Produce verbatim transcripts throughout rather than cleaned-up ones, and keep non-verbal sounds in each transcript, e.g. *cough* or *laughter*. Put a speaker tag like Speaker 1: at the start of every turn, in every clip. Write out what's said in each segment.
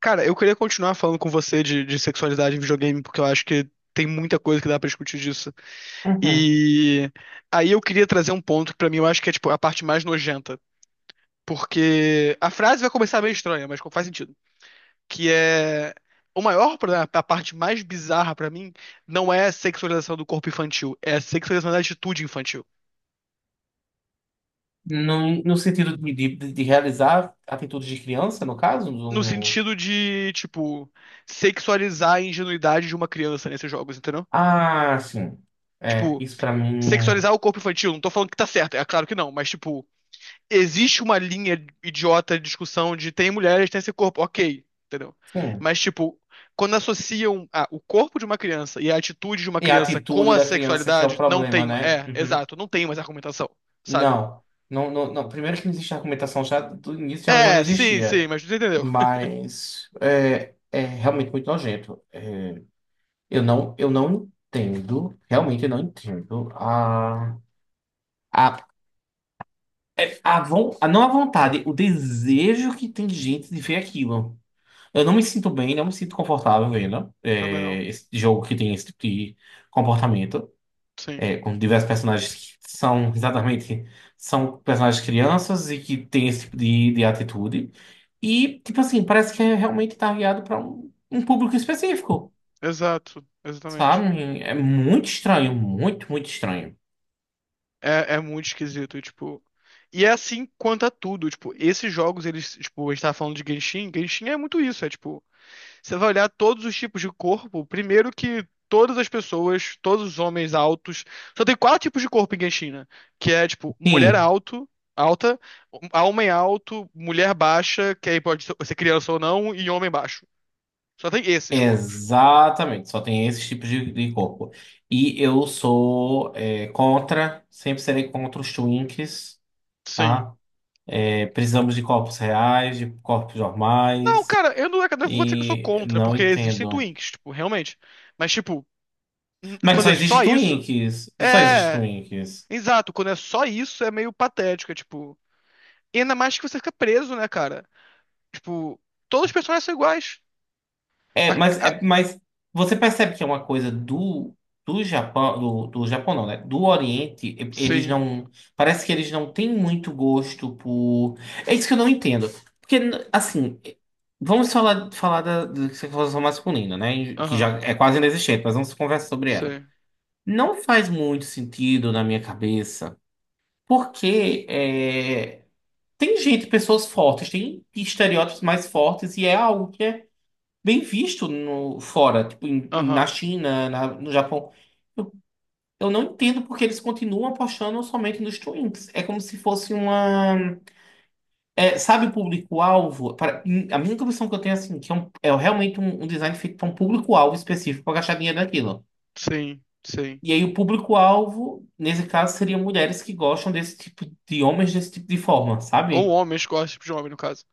Speaker 1: Cara, eu queria continuar falando com você de, de sexualidade em videogame, porque eu acho que tem muita coisa que dá pra discutir disso.
Speaker 2: Uhum.
Speaker 1: E aí eu queria trazer um ponto que pra mim eu acho que é tipo a parte mais nojenta, porque a frase vai começar meio estranha, mas faz sentido, que é o maior problema, a parte mais bizarra pra mim não é a sexualização do corpo infantil, é a sexualização da atitude infantil.
Speaker 2: No, no sentido de, de, de realizar atitudes de criança, no caso?
Speaker 1: No
Speaker 2: do-
Speaker 1: sentido de, tipo, sexualizar a ingenuidade de uma criança nesses jogos, entendeu?
Speaker 2: Ah, sim. É,
Speaker 1: Tipo,
Speaker 2: isso pra mim.
Speaker 1: sexualizar o corpo infantil, não tô falando que tá certo, é claro que não, mas tipo, existe uma linha idiota de discussão de tem mulheres, tem esse corpo, ok, entendeu?
Speaker 2: Sim.
Speaker 1: Mas tipo, quando associam a- o corpo de uma criança e a atitude de uma
Speaker 2: E a
Speaker 1: criança com
Speaker 2: atitude
Speaker 1: a
Speaker 2: da criança que é o
Speaker 1: sexualidade, não
Speaker 2: problema,
Speaker 1: tem,
Speaker 2: né?
Speaker 1: é,
Speaker 2: Uhum.
Speaker 1: exato, não tem mais argumentação, sabe?
Speaker 2: Não. Não, não, não. Primeiro que não existe argumentação, já do início já, não- já não
Speaker 1: É, sim, sim,
Speaker 2: existia.
Speaker 1: mas você entendeu. *laughs*
Speaker 2: Mas é, é realmente muito nojento. É, eu não, eu não entendo, realmente eu não entendo a, a É, a von, a- não a vontade, o desejo que tem de gente de ver aquilo. Eu não me sinto bem, não me sinto confortável vendo
Speaker 1: Também não,
Speaker 2: é, esse jogo que tem esse tipo de comportamento,
Speaker 1: sim,
Speaker 2: é, com diversos personagens que são exatamente são personagens crianças e que têm esse tipo de, de atitude. E, tipo assim, parece que é realmente targeado para um, um público específico,
Speaker 1: exato, exatamente.
Speaker 2: sabe? É muito estranho, muito, muito estranho.
Speaker 1: É, é muito esquisito, e, tipo... E é assim quanto a tudo, tipo, esses jogos, eles, tipo, a gente tava falando de Genshin, Genshin é muito isso, é tipo, você vai olhar todos os tipos de corpo. Primeiro que todas as pessoas, todos os homens altos. Só tem quatro tipos de corpo em Genshin, né? Que é, tipo, mulher
Speaker 2: Sim.
Speaker 1: alto, alta, homem alto, mulher baixa, que aí pode ser criança ou não, e homem baixo. Só tem esses corpos.
Speaker 2: Exatamente, só tem esses tipos de, de corpo. E eu sou é, contra, sempre serei contra os twinks,
Speaker 1: Sim.
Speaker 2: tá? É, precisamos de corpos reais, de corpos
Speaker 1: Não,
Speaker 2: normais,
Speaker 1: cara, eu não, não vou dizer que eu sou
Speaker 2: e
Speaker 1: contra,
Speaker 2: não
Speaker 1: porque existem
Speaker 2: entendo.
Speaker 1: twinks, tipo, realmente. Mas, tipo, n-
Speaker 2: Mas
Speaker 1: quando
Speaker 2: só
Speaker 1: é só
Speaker 2: existe
Speaker 1: isso.
Speaker 2: twinks, só existe
Speaker 1: É.
Speaker 2: twinks.
Speaker 1: Exato, quando é só isso é meio patético, é tipo. E ainda mais que você fica preso, né, cara? Tipo, todos os personagens são iguais.
Speaker 2: É,
Speaker 1: A-
Speaker 2: mas,
Speaker 1: a-
Speaker 2: é, mas você percebe que é uma coisa do, do Japão, do, do Japão não, né? Do Oriente, e- eles
Speaker 1: Sim,
Speaker 2: não. Parece que eles não têm muito gosto por. É isso que eu não entendo. Porque, assim, vamos falar, falar da, da sexualização masculina, né? Que
Speaker 1: aham,
Speaker 2: já é quase inexistente, mas vamos conversar sobre ela.
Speaker 1: sim,
Speaker 2: Não faz muito sentido na minha cabeça, porque é, tem gente, pessoas fortes, tem estereótipos mais fortes, e é algo que é bem visto no fora, tipo em- na
Speaker 1: aham,
Speaker 2: China, na- no Japão. Eu, eu não entendo porque eles continuam apostando somente nos twinks. É como se fosse uma, é, sabe, o público-alvo. Para a minha impressão que eu tenho é assim, que é, um- é realmente um, um design feito para um público-alvo específico para gastar dinheiro naquilo.
Speaker 1: sim, sim.
Speaker 2: E aí o público-alvo, nesse caso, seriam mulheres que gostam desse tipo de homens desse tipo de forma,
Speaker 1: Ou
Speaker 2: sabe?
Speaker 1: homens, qual é esse tipo de homem, no caso.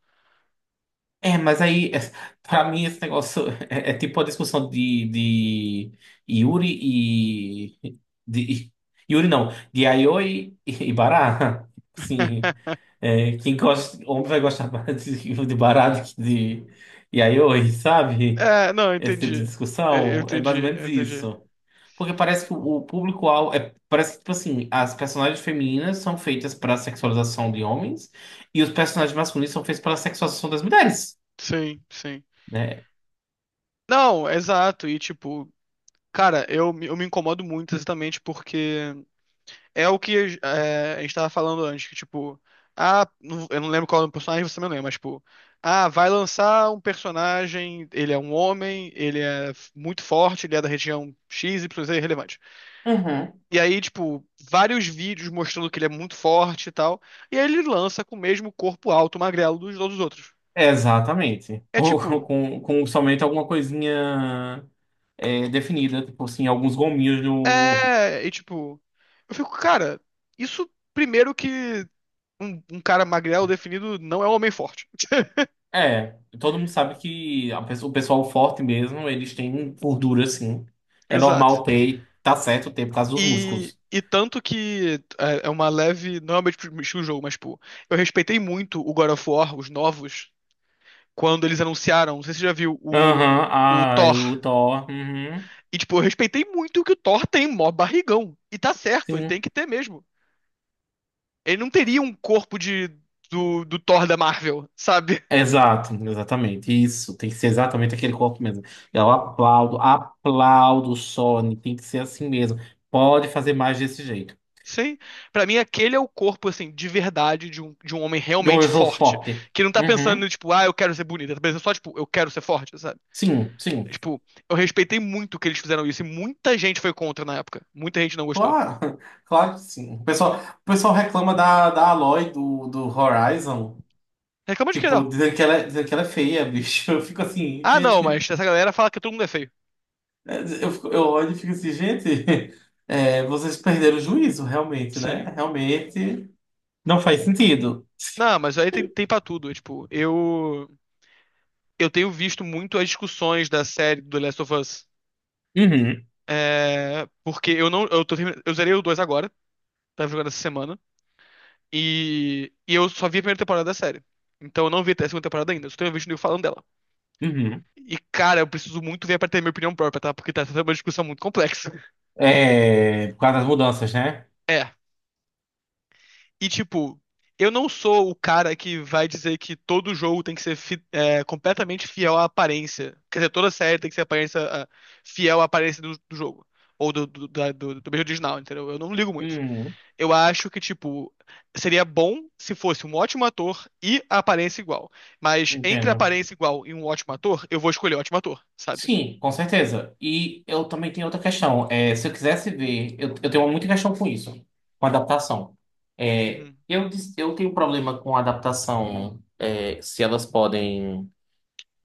Speaker 2: É, mas aí, é, pra mim, esse negócio *laughs* é, é tipo a discussão de, de Yuri e. De, *laughs* Yuri não, de Aioi e, e Bará. *laughs* Sim.
Speaker 1: *laughs*
Speaker 2: É, quem gosta, homem vai gostar mais de, de Bará do que de Yayoi, sabe?
Speaker 1: É, não, eu
Speaker 2: Esse tipo de
Speaker 1: entendi. Eu eu
Speaker 2: discussão é mais ou
Speaker 1: entendi, eu
Speaker 2: menos
Speaker 1: entendi.
Speaker 2: isso. Porque parece que o, público-alvo. É, parece que, tipo assim, as personagens femininas são feitas para sexualização de homens e os personagens masculinos são feitos para sexualização das mulheres,
Speaker 1: Sim, sim.
Speaker 2: né?
Speaker 1: Não, exato. E tipo, cara, eu, me- eu me incomodo muito exatamente porque é o que é, a gente tava falando antes, que tipo, ah, não- eu não lembro qual é o personagem, você também não lembra, mas tipo, ah, vai lançar um personagem, ele é um homem, ele é f- muito forte, ele é da região X, Y, Z, relevante.
Speaker 2: Uhum.
Speaker 1: E aí, tipo, vários vídeos mostrando que ele é muito forte e tal, e aí ele lança com o mesmo corpo alto, magrelo dos todos os outros.
Speaker 2: É, exatamente.
Speaker 1: É
Speaker 2: Com,
Speaker 1: tipo,
Speaker 2: com, com somente alguma coisinha é, definida, tipo assim, alguns gominhos do.
Speaker 1: é, e tipo, eu fico, cara, isso primeiro que um, um cara magrelo definido não é um homem forte.
Speaker 2: É, todo mundo sabe que a pessoa- o pessoal forte mesmo, eles têm gordura, assim. É
Speaker 1: Exato.
Speaker 2: normal ter, e tá certo ter por causa dos
Speaker 1: E,
Speaker 2: músculos.
Speaker 1: e tanto que é é uma leve. Não é o meu tipo estilo de jogo, mas, tipo, eu respeitei muito o God of War, os novos, quando eles anunciaram. Não sei se você já viu o,
Speaker 2: Aham,
Speaker 1: o
Speaker 2: ah,
Speaker 1: Thor.
Speaker 2: o Thor. Uhum,
Speaker 1: E, tipo, eu respeitei muito que o Thor tem mó barrigão. E tá certo, ele
Speaker 2: sim.
Speaker 1: tem que ter mesmo. Ele não teria um corpo de, do, do Thor da Marvel, *laughs* sabe?
Speaker 2: Exato, exatamente. Isso, tem que ser exatamente aquele corpo mesmo. Eu aplaudo, aplaudo, o Sony, tem que ser assim mesmo. Pode fazer mais desse jeito.
Speaker 1: Sim. Pra mim, aquele é o corpo, assim, de verdade, de um, de um homem
Speaker 2: De um
Speaker 1: realmente forte.
Speaker 2: esofote.
Speaker 1: Que não tá
Speaker 2: Uhum.
Speaker 1: pensando, tipo, ah, eu quero ser bonita, tá pensando só, tipo, eu quero ser forte, sabe?
Speaker 2: Sim, sim.
Speaker 1: Tipo, eu respeitei muito que eles fizeram isso e muita gente foi contra na época. Muita gente não gostou.
Speaker 2: Claro, *laughs* claro que sim. O pessoal, o pessoal reclama da, da Aloy do, do Horizon.
Speaker 1: Reclama de quê,
Speaker 2: Tipo,
Speaker 1: não?
Speaker 2: dizendo que ela, é- dizendo que ela é feia, bicho. *laughs* Eu fico assim,
Speaker 1: Ah, não,
Speaker 2: gente.
Speaker 1: mas essa galera fala que todo mundo é feio.
Speaker 2: Eu, fico- eu olho e fico assim, gente. *laughs* é, vocês perderam o juízo, realmente, né?
Speaker 1: Sim.
Speaker 2: Realmente não faz sentido.
Speaker 1: Não, mas aí tem, tem pra tudo. É, tipo, eu, eu tenho visto muito as discussões da série do The Last of Us.
Speaker 2: Uhum,
Speaker 1: É, porque eu não. Eu, tô, termin- eu zerei o dois agora, tava jogando essa semana. E, e eu só vi a primeira temporada da série. Então eu não vi até a segunda temporada ainda, eu só tenho visto o nego falando dela.
Speaker 2: uhum.
Speaker 1: E, cara, eu preciso muito ver pra ter minha opinião própria, tá? Porque tá sendo uma discussão muito complexa.
Speaker 2: É, por causa das mudanças, né?
Speaker 1: É, e, tipo, eu não sou o cara que vai dizer que todo jogo tem que ser fi- é, completamente fiel à aparência. Quer dizer, toda série tem que ser aparência, ah, fiel à aparência do, do jogo. Ou do, do, da- do, do mesmo original, entendeu? Eu não ligo muito.
Speaker 2: Uhum,
Speaker 1: Eu acho que, tipo, seria bom se fosse um ótimo ator e a aparência igual. Mas entre a
Speaker 2: entendo.
Speaker 1: aparência igual e um ótimo ator, eu vou escolher o ótimo ator, sabe?
Speaker 2: Sim, com certeza. E eu também tenho outra questão. É, se eu quisesse ver, eu, eu tenho muita questão com isso, com adaptação. É,
Speaker 1: Uhum.
Speaker 2: eu, dis- eu tenho problema com adaptação, é, se elas podem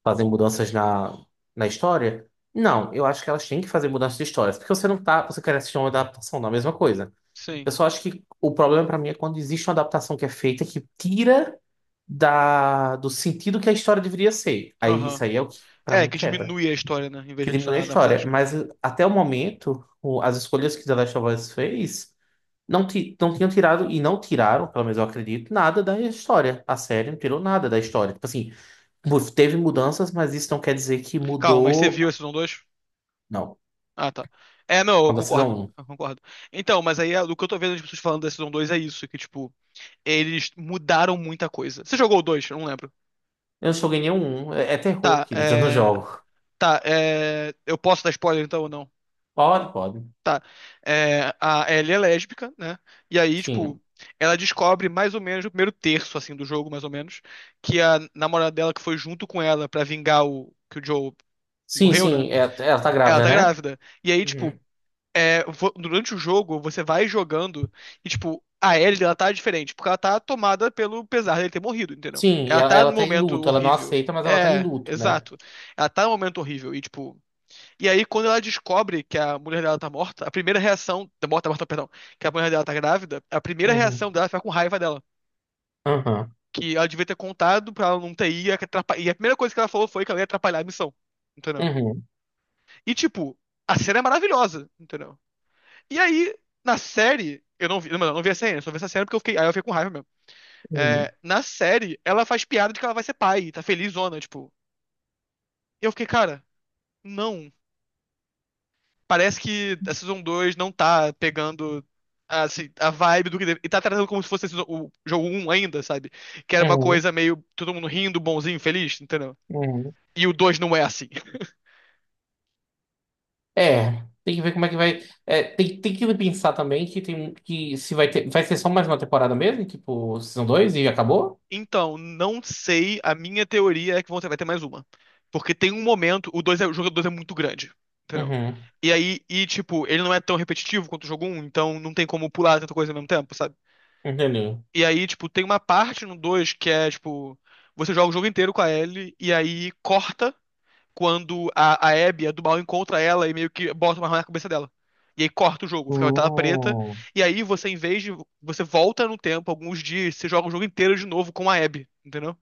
Speaker 2: fazer mudanças na, na história. Não, eu acho que elas têm que fazer mudanças de histórias, porque você não tá, você quer assistir uma adaptação da mesma coisa.
Speaker 1: Sim.
Speaker 2: Eu só acho que o problema para mim é quando existe uma adaptação que é feita que tira da, do sentido que a história deveria ser. Aí isso
Speaker 1: Aham.
Speaker 2: aí é o que para
Speaker 1: É,
Speaker 2: mim
Speaker 1: que
Speaker 2: quebra
Speaker 1: diminui a história, né? Em vez
Speaker 2: que
Speaker 1: de
Speaker 2: diminui a
Speaker 1: adicionar na
Speaker 2: história.
Speaker 1: prática.
Speaker 2: Mas até o momento, o- as escolhas que The Last of Us fez não, ti- não tinham tirado, e não tiraram, pelo menos eu acredito, nada da história. A série não tirou nada da história. Tipo assim, mu- teve mudanças, mas isso não quer dizer que
Speaker 1: Calma, mas você
Speaker 2: mudou.
Speaker 1: viu a Season dois?
Speaker 2: Não,
Speaker 1: Ah, tá. É, não, eu
Speaker 2: quando a Season
Speaker 1: concordo,
Speaker 2: um.
Speaker 1: eu concordo. Então, mas aí é- o que eu tô vendo as pessoas falando da Season dois é isso, que, tipo, eles mudaram muita coisa. Você jogou o dois? Eu não lembro.
Speaker 2: Eu não joguei nenhum. É, é terror,
Speaker 1: Tá,
Speaker 2: querido, eu não
Speaker 1: é...
Speaker 2: jogo.
Speaker 1: Tá, é... Eu posso dar spoiler, então, ou não?
Speaker 2: Pode, pode.
Speaker 1: Tá. É... A Ellie é lésbica, né? E aí, tipo,
Speaker 2: Sim.
Speaker 1: ela descobre mais ou menos, no primeiro terço, assim, do jogo, mais ou menos, que a namorada dela que foi junto com ela pra vingar o... que o Joe
Speaker 2: Sim,
Speaker 1: morreu, né?
Speaker 2: sim, é- ela tá
Speaker 1: Ela
Speaker 2: grávida,
Speaker 1: tá
Speaker 2: né?
Speaker 1: grávida. E aí, tipo,
Speaker 2: Uhum.
Speaker 1: é, vo- durante o jogo, você vai jogando e, tipo, a Ellie, ela tá diferente, porque ela tá tomada pelo pesar dele ter morrido, entendeu?
Speaker 2: Sim,
Speaker 1: Ela
Speaker 2: ela,
Speaker 1: tá no
Speaker 2: ela tá em
Speaker 1: momento
Speaker 2: luto. Ela não
Speaker 1: horrível.
Speaker 2: aceita, mas ela tá em
Speaker 1: É,
Speaker 2: luto, né?
Speaker 1: exato. Ela tá no momento horrível e, tipo... E aí, quando ela descobre que a mulher dela tá morta, a primeira reação... Tá morta, tá morta, perdão. Que a mulher dela tá grávida, a primeira
Speaker 2: Uhum.
Speaker 1: reação dela é ficar com raiva dela.
Speaker 2: Aham.
Speaker 1: Que ela devia ter contado pra ela não ter ido atrapalhar e a primeira coisa que ela falou foi que ela ia atrapalhar a missão, entendeu?
Speaker 2: Uhum.
Speaker 1: E, tipo, a cena é maravilhosa, entendeu? E aí, na série, eu não vi, mano, eu não vi essa cena, eu só vi essa cena porque eu fiquei, aí eu fiquei com raiva mesmo.
Speaker 2: Uhum.
Speaker 1: É, na série, ela faz piada de que ela vai ser pai, tá felizona, tipo. E eu fiquei, cara, não. Parece que a Season dois não tá pegando a, assim, a vibe do que deve, e tá tratando como se fosse a season- o jogo um ainda, sabe? Que era uma
Speaker 2: Uhum.
Speaker 1: coisa meio todo mundo rindo, bonzinho, feliz, entendeu?
Speaker 2: Uhum.
Speaker 1: E o dois não é assim.
Speaker 2: É, tem que ver como é que vai. É, tem, tem que pensar também que tem que se vai ter, vai ser só mais uma temporada mesmo, tipo, Season dois e acabou?
Speaker 1: Então, não sei. A minha teoria é que vão ter, vai ter mais uma. Porque tem um momento, o, dois é, o jogo dois é muito grande, entendeu?
Speaker 2: Uhum,
Speaker 1: E aí, e tipo, ele não é tão repetitivo quanto o jogo um, então não tem como pular tanta coisa ao mesmo tempo, sabe?
Speaker 2: entendi.
Speaker 1: E aí, tipo, tem uma parte no dois que é, tipo, você joga o jogo inteiro com a Ellie e aí corta quando a, a Abby, a do mal, encontra ela e meio que bota uma arma na cabeça dela. E aí corta o jogo, fica uma tela preta.
Speaker 2: Hum,
Speaker 1: E aí você, em vez de, você volta no tempo, alguns dias, você joga o jogo inteiro de novo com a Abby, entendeu?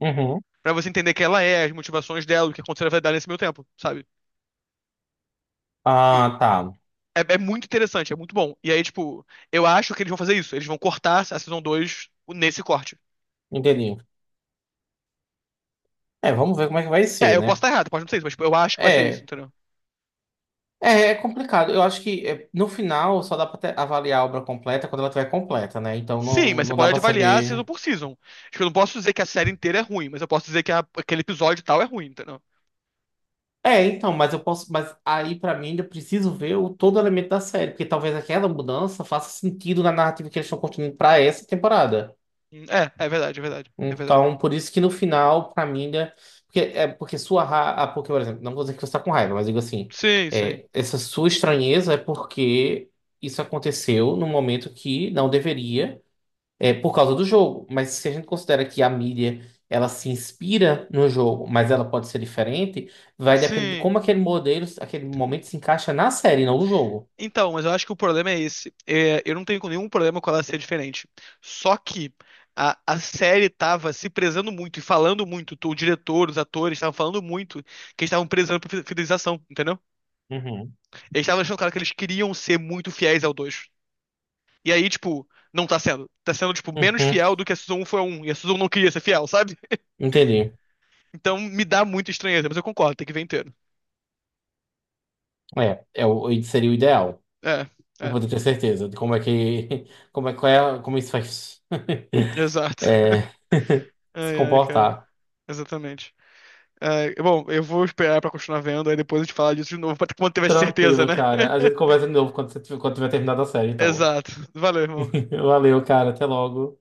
Speaker 2: Uhum.
Speaker 1: Pra você entender quem ela é, as motivações dela, o que aconteceu na vida dela nesse meio tempo, sabe? E
Speaker 2: Ah, tá.
Speaker 1: é, é muito interessante, é muito bom. E aí, tipo, eu acho que eles vão fazer isso. Eles vão cortar a Season dois nesse corte.
Speaker 2: Entendi. É, vamos ver como é que vai
Speaker 1: É,
Speaker 2: ser,
Speaker 1: eu posso
Speaker 2: né?
Speaker 1: estar errado, pode não ser isso, mas tipo, eu acho que vai ser isso,
Speaker 2: É,
Speaker 1: entendeu?
Speaker 2: é, é complicado. Eu acho que é, no final só dá pra te- avaliar a obra completa quando ela estiver completa, né? Então
Speaker 1: Sim,
Speaker 2: não,
Speaker 1: mas você
Speaker 2: não dá
Speaker 1: pode
Speaker 2: pra
Speaker 1: avaliar season
Speaker 2: saber.
Speaker 1: por season. Tipo, eu não posso dizer que a série inteira é ruim, mas eu posso dizer que a- aquele episódio tal é ruim, entendeu?
Speaker 2: É, então, mas eu posso, mas aí pra mim eu preciso ver o todo o elemento da série, porque talvez aquela mudança faça sentido na narrativa que eles estão construindo pra essa temporada.
Speaker 1: É, é verdade, é verdade, é verdade.
Speaker 2: Então, por isso que no final, pra mim ainda, porque é porque sua ra... ah, porque, por exemplo, não vou dizer que você tá com raiva, mas digo assim,
Speaker 1: Sim, sim.
Speaker 2: é, essa sua estranheza é porque isso aconteceu num momento que não deveria é, por causa do jogo. Mas se a gente considera que a mídia ela se inspira no jogo, mas ela pode ser diferente, vai depender de
Speaker 1: Sim.
Speaker 2: como aquele modelo, aquele momento se encaixa na série, não no jogo.
Speaker 1: Então, mas eu acho que o problema é esse. É, eu não tenho nenhum problema com ela ser diferente. Só que a, a série tava se prezando muito e falando muito. O diretor, os atores estavam falando muito que eles estavam prezando por fi- fidelização, entendeu?
Speaker 2: Uhum.
Speaker 1: Eles estavam deixando claro que eles queriam ser muito fiéis ao dois. E aí, tipo, não tá sendo. Tá sendo, tipo, menos
Speaker 2: Uhum,
Speaker 1: fiel do que a Season um foi a um. E a Season um não queria ser fiel, sabe?
Speaker 2: entendi.
Speaker 1: Então me dá muita estranheza, mas eu concordo, tem que ver inteiro.
Speaker 2: É, é o, seria o ideal,
Speaker 1: É,
Speaker 2: para
Speaker 1: é,
Speaker 2: poder ter certeza de como é que, *laughs* como é, qual é, como isso faz *laughs*
Speaker 1: exato.
Speaker 2: é,
Speaker 1: *laughs*
Speaker 2: *laughs* se
Speaker 1: Ai, ai, cara.
Speaker 2: comportar.
Speaker 1: Exatamente. Ai, bom, eu vou esperar pra continuar vendo, aí depois a gente fala disso de novo, *laughs* pra- quando tiver certeza,
Speaker 2: Tranquilo,
Speaker 1: né?
Speaker 2: cara. A gente
Speaker 1: *laughs*
Speaker 2: conversa de novo quando, você, tiver- quando tiver terminado a série, então.
Speaker 1: Exato. Valeu, irmão.
Speaker 2: *laughs* Valeu, cara. Até logo.